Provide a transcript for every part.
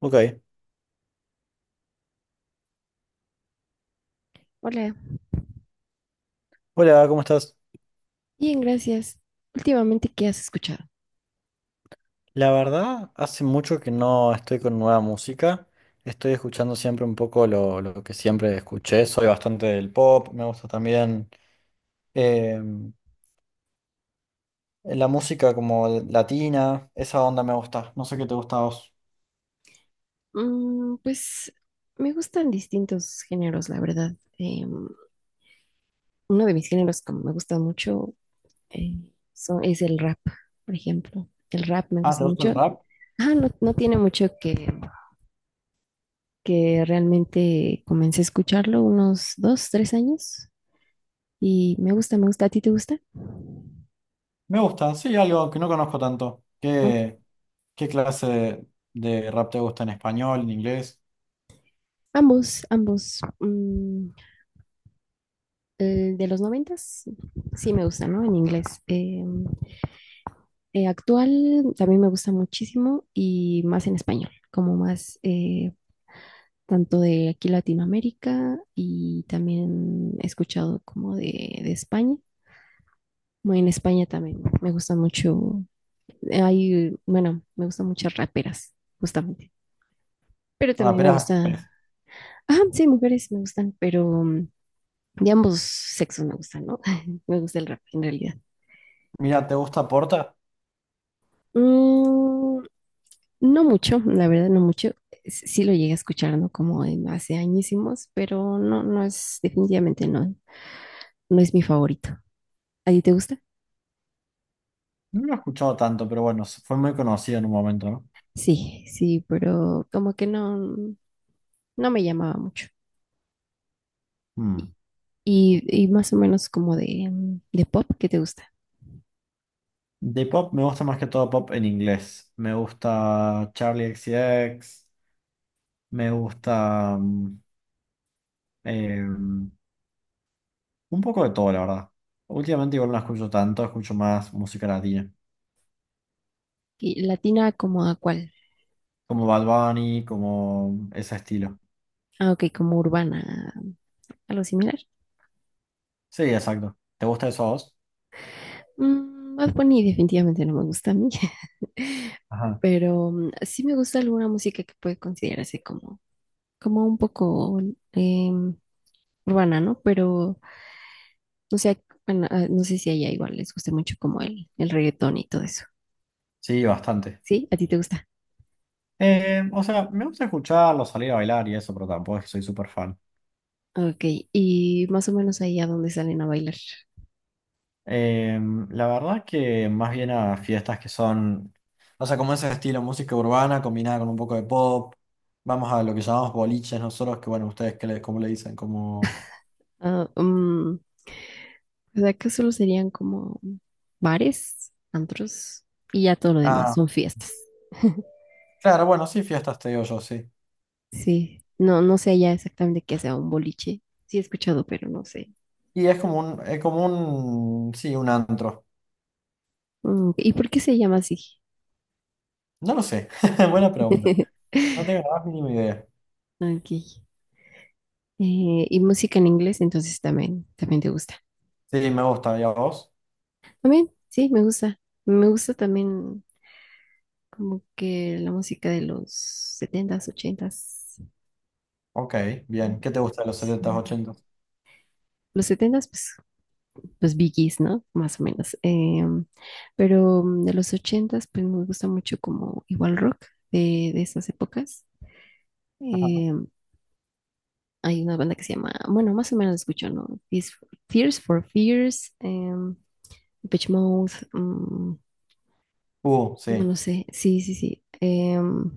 Ok. Hola, Hola, ¿cómo estás? bien, gracias. Últimamente, ¿qué has escuchado? La verdad, hace mucho que no estoy con nueva música. Estoy escuchando siempre un poco lo que siempre escuché. Soy bastante del pop, me gusta también eh, la música como latina, esa onda me gusta. No sé qué te gusta a vos. Pues me gustan distintos géneros, la verdad. Em, Uno de mis géneros que me gusta mucho eh, es el rap, por ejemplo. El rap me Ah, gusta ¿te gusta el mucho. rap? Ah, no, no tiene mucho que realmente comencé a escucharlo, unos 2, 3 años. Y me gusta, me gusta. ¿A ti te gusta? Me gusta, sí, algo que no conozco tanto. Ok. ¿Qué clase de rap te gusta, ¿en español, en inglés? Ambos, ambos. El de los noventas, sí me gusta, ¿no? En inglés. Actual también me gusta muchísimo y más en español, como más tanto de aquí Latinoamérica, y también he escuchado como de España. Bueno, en España también me gusta mucho. Hay, bueno, me gustan muchas raperas, justamente, pero también me Raperas. gusta, ah, sí, mujeres me gustan, pero de ambos sexos me gustan, ¿no? Me gusta el rap en realidad. Mira, ¿te gusta Porta? Mm, No mucho, la verdad no mucho. Sí lo llegué a escuchar, ¿no? Como en hace añísimos, pero no, no es, definitivamente no, no es mi favorito. ¿A ti te gusta? No lo he escuchado tanto, pero bueno, fue muy conocido en un momento, ¿no? Sí, sí, pero como que no, no me llamaba mucho. Y, Hmm. y más o menos como de pop, ¿qué te gusta? De pop me gusta más que todo pop en inglés. Me gusta Charlie X C X. Me gusta un poco de todo, la verdad. Últimamente igual no escucho tanto, escucho más música latina, ¿Y latina como a cuál? como Bad Bunny, como ese estilo. Ah, ok, como urbana, algo similar. Sí, exacto. ¿Te gusta eso a vos? Bad Bunny definitivamente no me gusta a mí, Ajá. pero sí me gusta alguna música que puede considerarse como un poco em, urbana, ¿no? Pero no sé, bueno, ah, no sé si a ella igual les guste mucho como el reggaetón y todo eso. Sí, bastante. ¿Sí? ¿A ti te gusta? O sea, me gusta escucharlo, salir a bailar y eso, pero tampoco es que soy súper fan. Ok, y más o menos ahí a dónde salen a bailar. Eh, la verdad que más bien a fiestas que son, o sea, como ese estilo música urbana combinada con un poco de pop. Vamos a lo que llamamos boliches nosotros, que bueno, ustedes cómo le dicen, como... Ah, o sea, que solo serían como bares, antros, y ya todo lo demás, Ah, son fiestas. claro, bueno, sí, fiestas te digo yo, sí. Sí, no, no sé ya exactamente qué sea un boliche. Sí he escuchado, pero no sé. Y es como un, sí, un antro. ¿Y por qué se llama así? No lo sé, buena pregunta. No tengo la más mínima idea. Ok. Y música en inglés, entonces también, también te gusta. Sí, me gusta, ¿y a vos? También, sí, me gusta. Me gusta también como que la música de los setentas, ochentas. Ok, bien. ¿Qué te gusta de los Sí. setenta s 80? Los setentas, pues los Biggies, ¿no? Más o menos. Pero de los ochentas, pues me gusta mucho como igual rock de esas épocas. Ajá. Em, Hay una banda que se llama, bueno, más o menos la escucho, ¿no? Tears for Fears, Depeche Mode. No Sí. lo sé. Sí, sí, sí.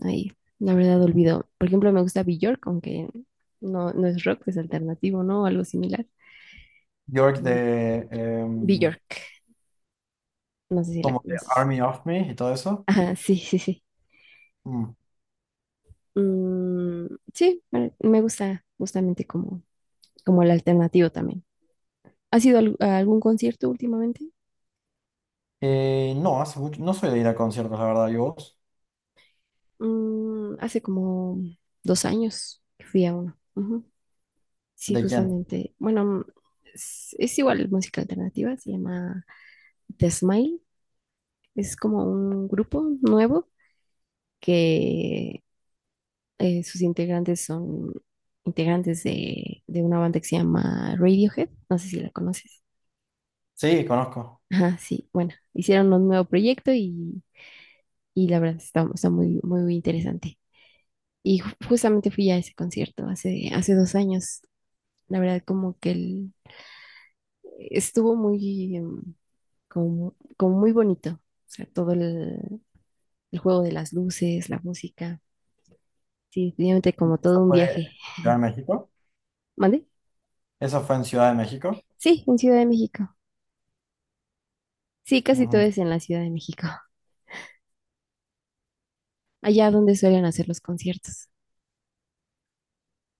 Ahí, la verdad olvido. Por ejemplo, me gusta Bjork, aunque no, no es rock, es alternativo, ¿no? O algo similar. York de, Em, Bjork, no sé si la como de conoces. Army of Me y todo eso. Ajá, sí, sí, sí. Mm. Mm, sí, me gusta justamente como el alternativo también. ¿Has ido a algún concierto últimamente? No, hace mucho, no soy de ir a conciertos, la verdad. ¿Y vos? Hace como 2 años que fui a uno. Ujú. Sí, ¿De quién? justamente. Bueno, es igual música alternativa, se llama The Smile, es como un grupo nuevo que, sus integrantes son integrantes de una banda que se llama Radiohead. No sé si la conoces. Sí, conozco. Ajá, sí, bueno, hicieron un nuevo proyecto, y la verdad está muy, muy interesante. Y justamente fui a ese concierto hace 2 años. La verdad, como que estuvo muy, como muy bonito. O sea, todo el juego de las luces, la música. Sí, definitivamente como ¿Eso todo un fue viaje. en Ciudad de México? ¿Mande? ¿Eso fue en Ciudad de México? Sí, en Ciudad de México. Sí, casi todo Ujú. es en la Ciudad de México, allá donde suelen hacer los conciertos.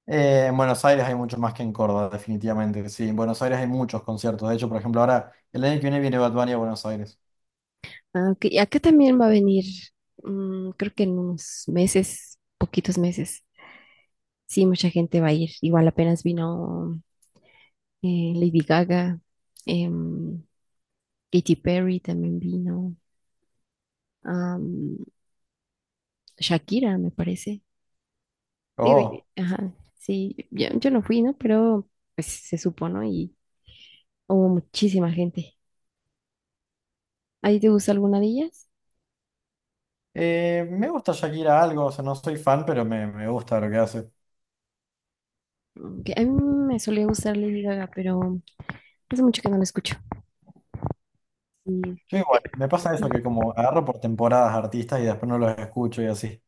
En Buenos Aires hay mucho más que en Córdoba, definitivamente. Sí, en Buenos Aires hay muchos conciertos. De hecho, por ejemplo, ahora el año que viene viene Bad Bunny a Buenos Aires. Ah, ok, y acá también va a venir, creo que en unos meses, poquitos meses. Sí, mucha gente va a ir. Igual apenas vino, Lady Gaga, em, Katy Perry también vino, am, Shakira, me parece. Digo, Oh, ajá, sí, yo no fui, ¿no? Pero pues se supo, ¿no? Y hubo muchísima gente. ¿Ahí te gusta alguna de ellas? Me gusta Shakira algo, o sea, no soy fan, pero me gusta lo que hace. A mí me solía gustar Lady Gaga, pero hace mucho que no la escucho. Y, Yo eh, igual, me pasa eso que como agarro por temporadas artistas y después no los escucho y así.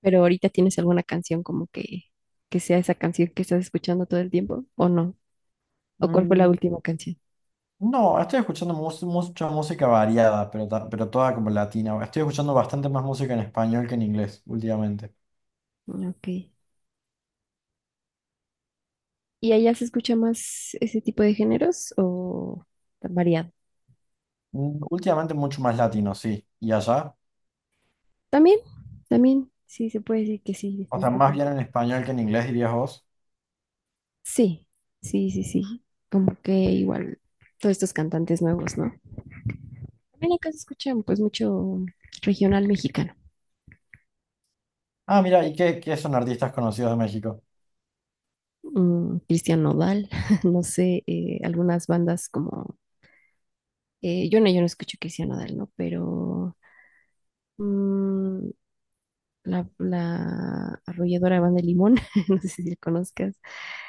pero ahorita tienes alguna canción como que sea esa canción que estás escuchando todo el tiempo, ¿o no? ¿O cuál fue la Mm, última canción? No, estoy escuchando mucha música variada, pero, pero toda como latina. Estoy escuchando bastante más música en español que en inglés últimamente. Mm. Ok. ¿Y allá se escucha más ese tipo de géneros o tan variado? Últimamente mucho más latino, sí. ¿Y allá? También, también, sí, se puede decir que sí, O sea, más definitivamente. bien en español que en inglés, dirías vos. Sí, sí, sí, sí. Como que igual todos estos cantantes nuevos, ¿no? En la casa escuchan pues mucho regional mexicano. Ah, mira, ¿y qué son artistas conocidos de México? Cristian Nodal, no sé, algunas bandas como, yo no escucho Cristian Nodal, ¿no? Pero mm, la arrolladora banda de Limón, no sé si la conozcas.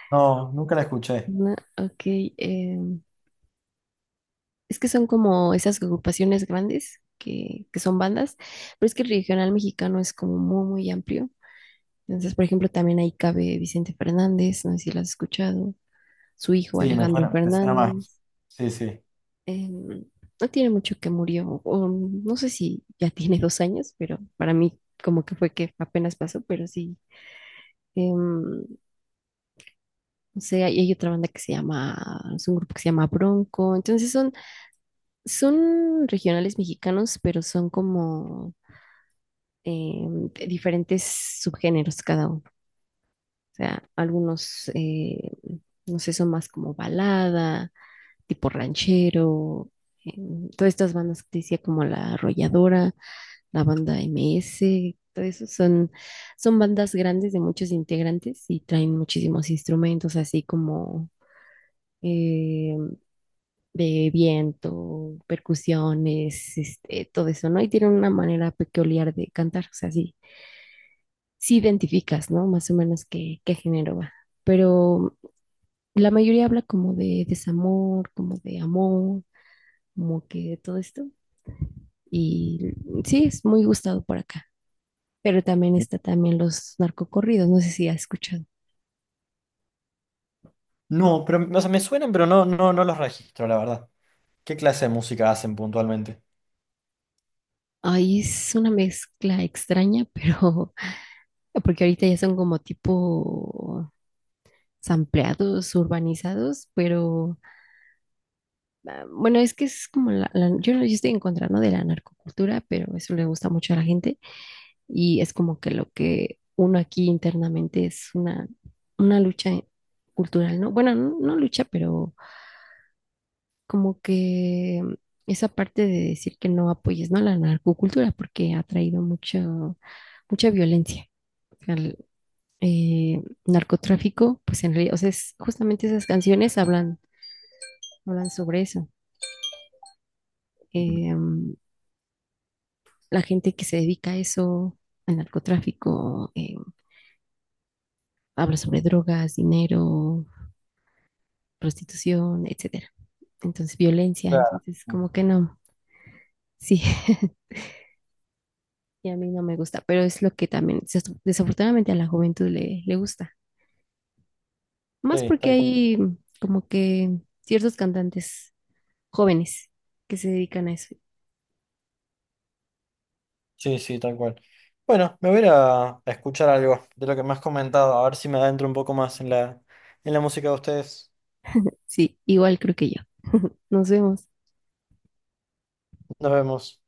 No, nunca la escuché. No, ok, eh, es que son como esas agrupaciones grandes que son bandas, pero es que el regional mexicano es como muy, muy amplio. Entonces, por ejemplo, también ahí cabe Vicente Fernández, no sé si lo has escuchado. Su hijo Sí, Alejandro me suena más. Fernández. Sí, sí. Eh, no tiene mucho que murió, o no sé si ya tiene 2 años, pero para mí como que fue que apenas pasó, pero sí. em, no sé, hay otra banda que se llama, es un grupo que se llama Bronco. Entonces son, regionales mexicanos, pero son como de diferentes subgéneros cada uno. O sea, algunos, no sé, son más como balada, tipo ranchero. Todas estas bandas que te decía como La Arrolladora, la banda MS, todo eso son, bandas grandes de muchos integrantes, y traen muchísimos instrumentos así como eh, de viento, percusiones, este, todo eso, ¿no? Y tienen una manera peculiar de cantar, o sea, sí, sí identificas, ¿no? Más o menos qué género va. Pero la mayoría habla como de desamor, como de amor, como que todo esto. Y sí, es muy gustado por acá. Pero también está también los narcocorridos, no sé si has escuchado. No, pero o sea, me suenan, pero no, no, no los registro, la verdad. ¿Qué clase de música hacen puntualmente? Ahí es una mezcla extraña, pero porque ahorita ya son como tipo sampleados, urbanizados, pero ah, bueno, es que es como yo estoy en contra, ¿no? De la narcocultura, pero eso le gusta mucho a la gente, y es como que lo que uno aquí internamente es una lucha cultural, ¿no? Bueno, no, no lucha, pero como que esa parte de decir que no apoyes, ¿no? La narcocultura, porque ha traído mucho, mucha violencia. O sea, el, narcotráfico, pues en realidad, o sea, justamente esas canciones hablan, sobre eso. Mm. Eh, mm, la gente que se dedica a eso, al narcotráfico, habla sobre drogas, dinero, prostitución, etcétera. Entonces, violencia, Claro. entonces, como que no. Sí. Y a mí no me gusta, pero es lo que también desafortunadamente a la juventud le gusta. Más Sí, porque tal cual. hay como que ciertos cantantes jóvenes que se dedican a eso. Sí, sí, tal cual. Bueno, me voy a ir a escuchar algo de lo que me has comentado, a ver si me adentro un poco más en la, música de ustedes. Sí, igual creo que yo. Nos vemos. Nos vemos.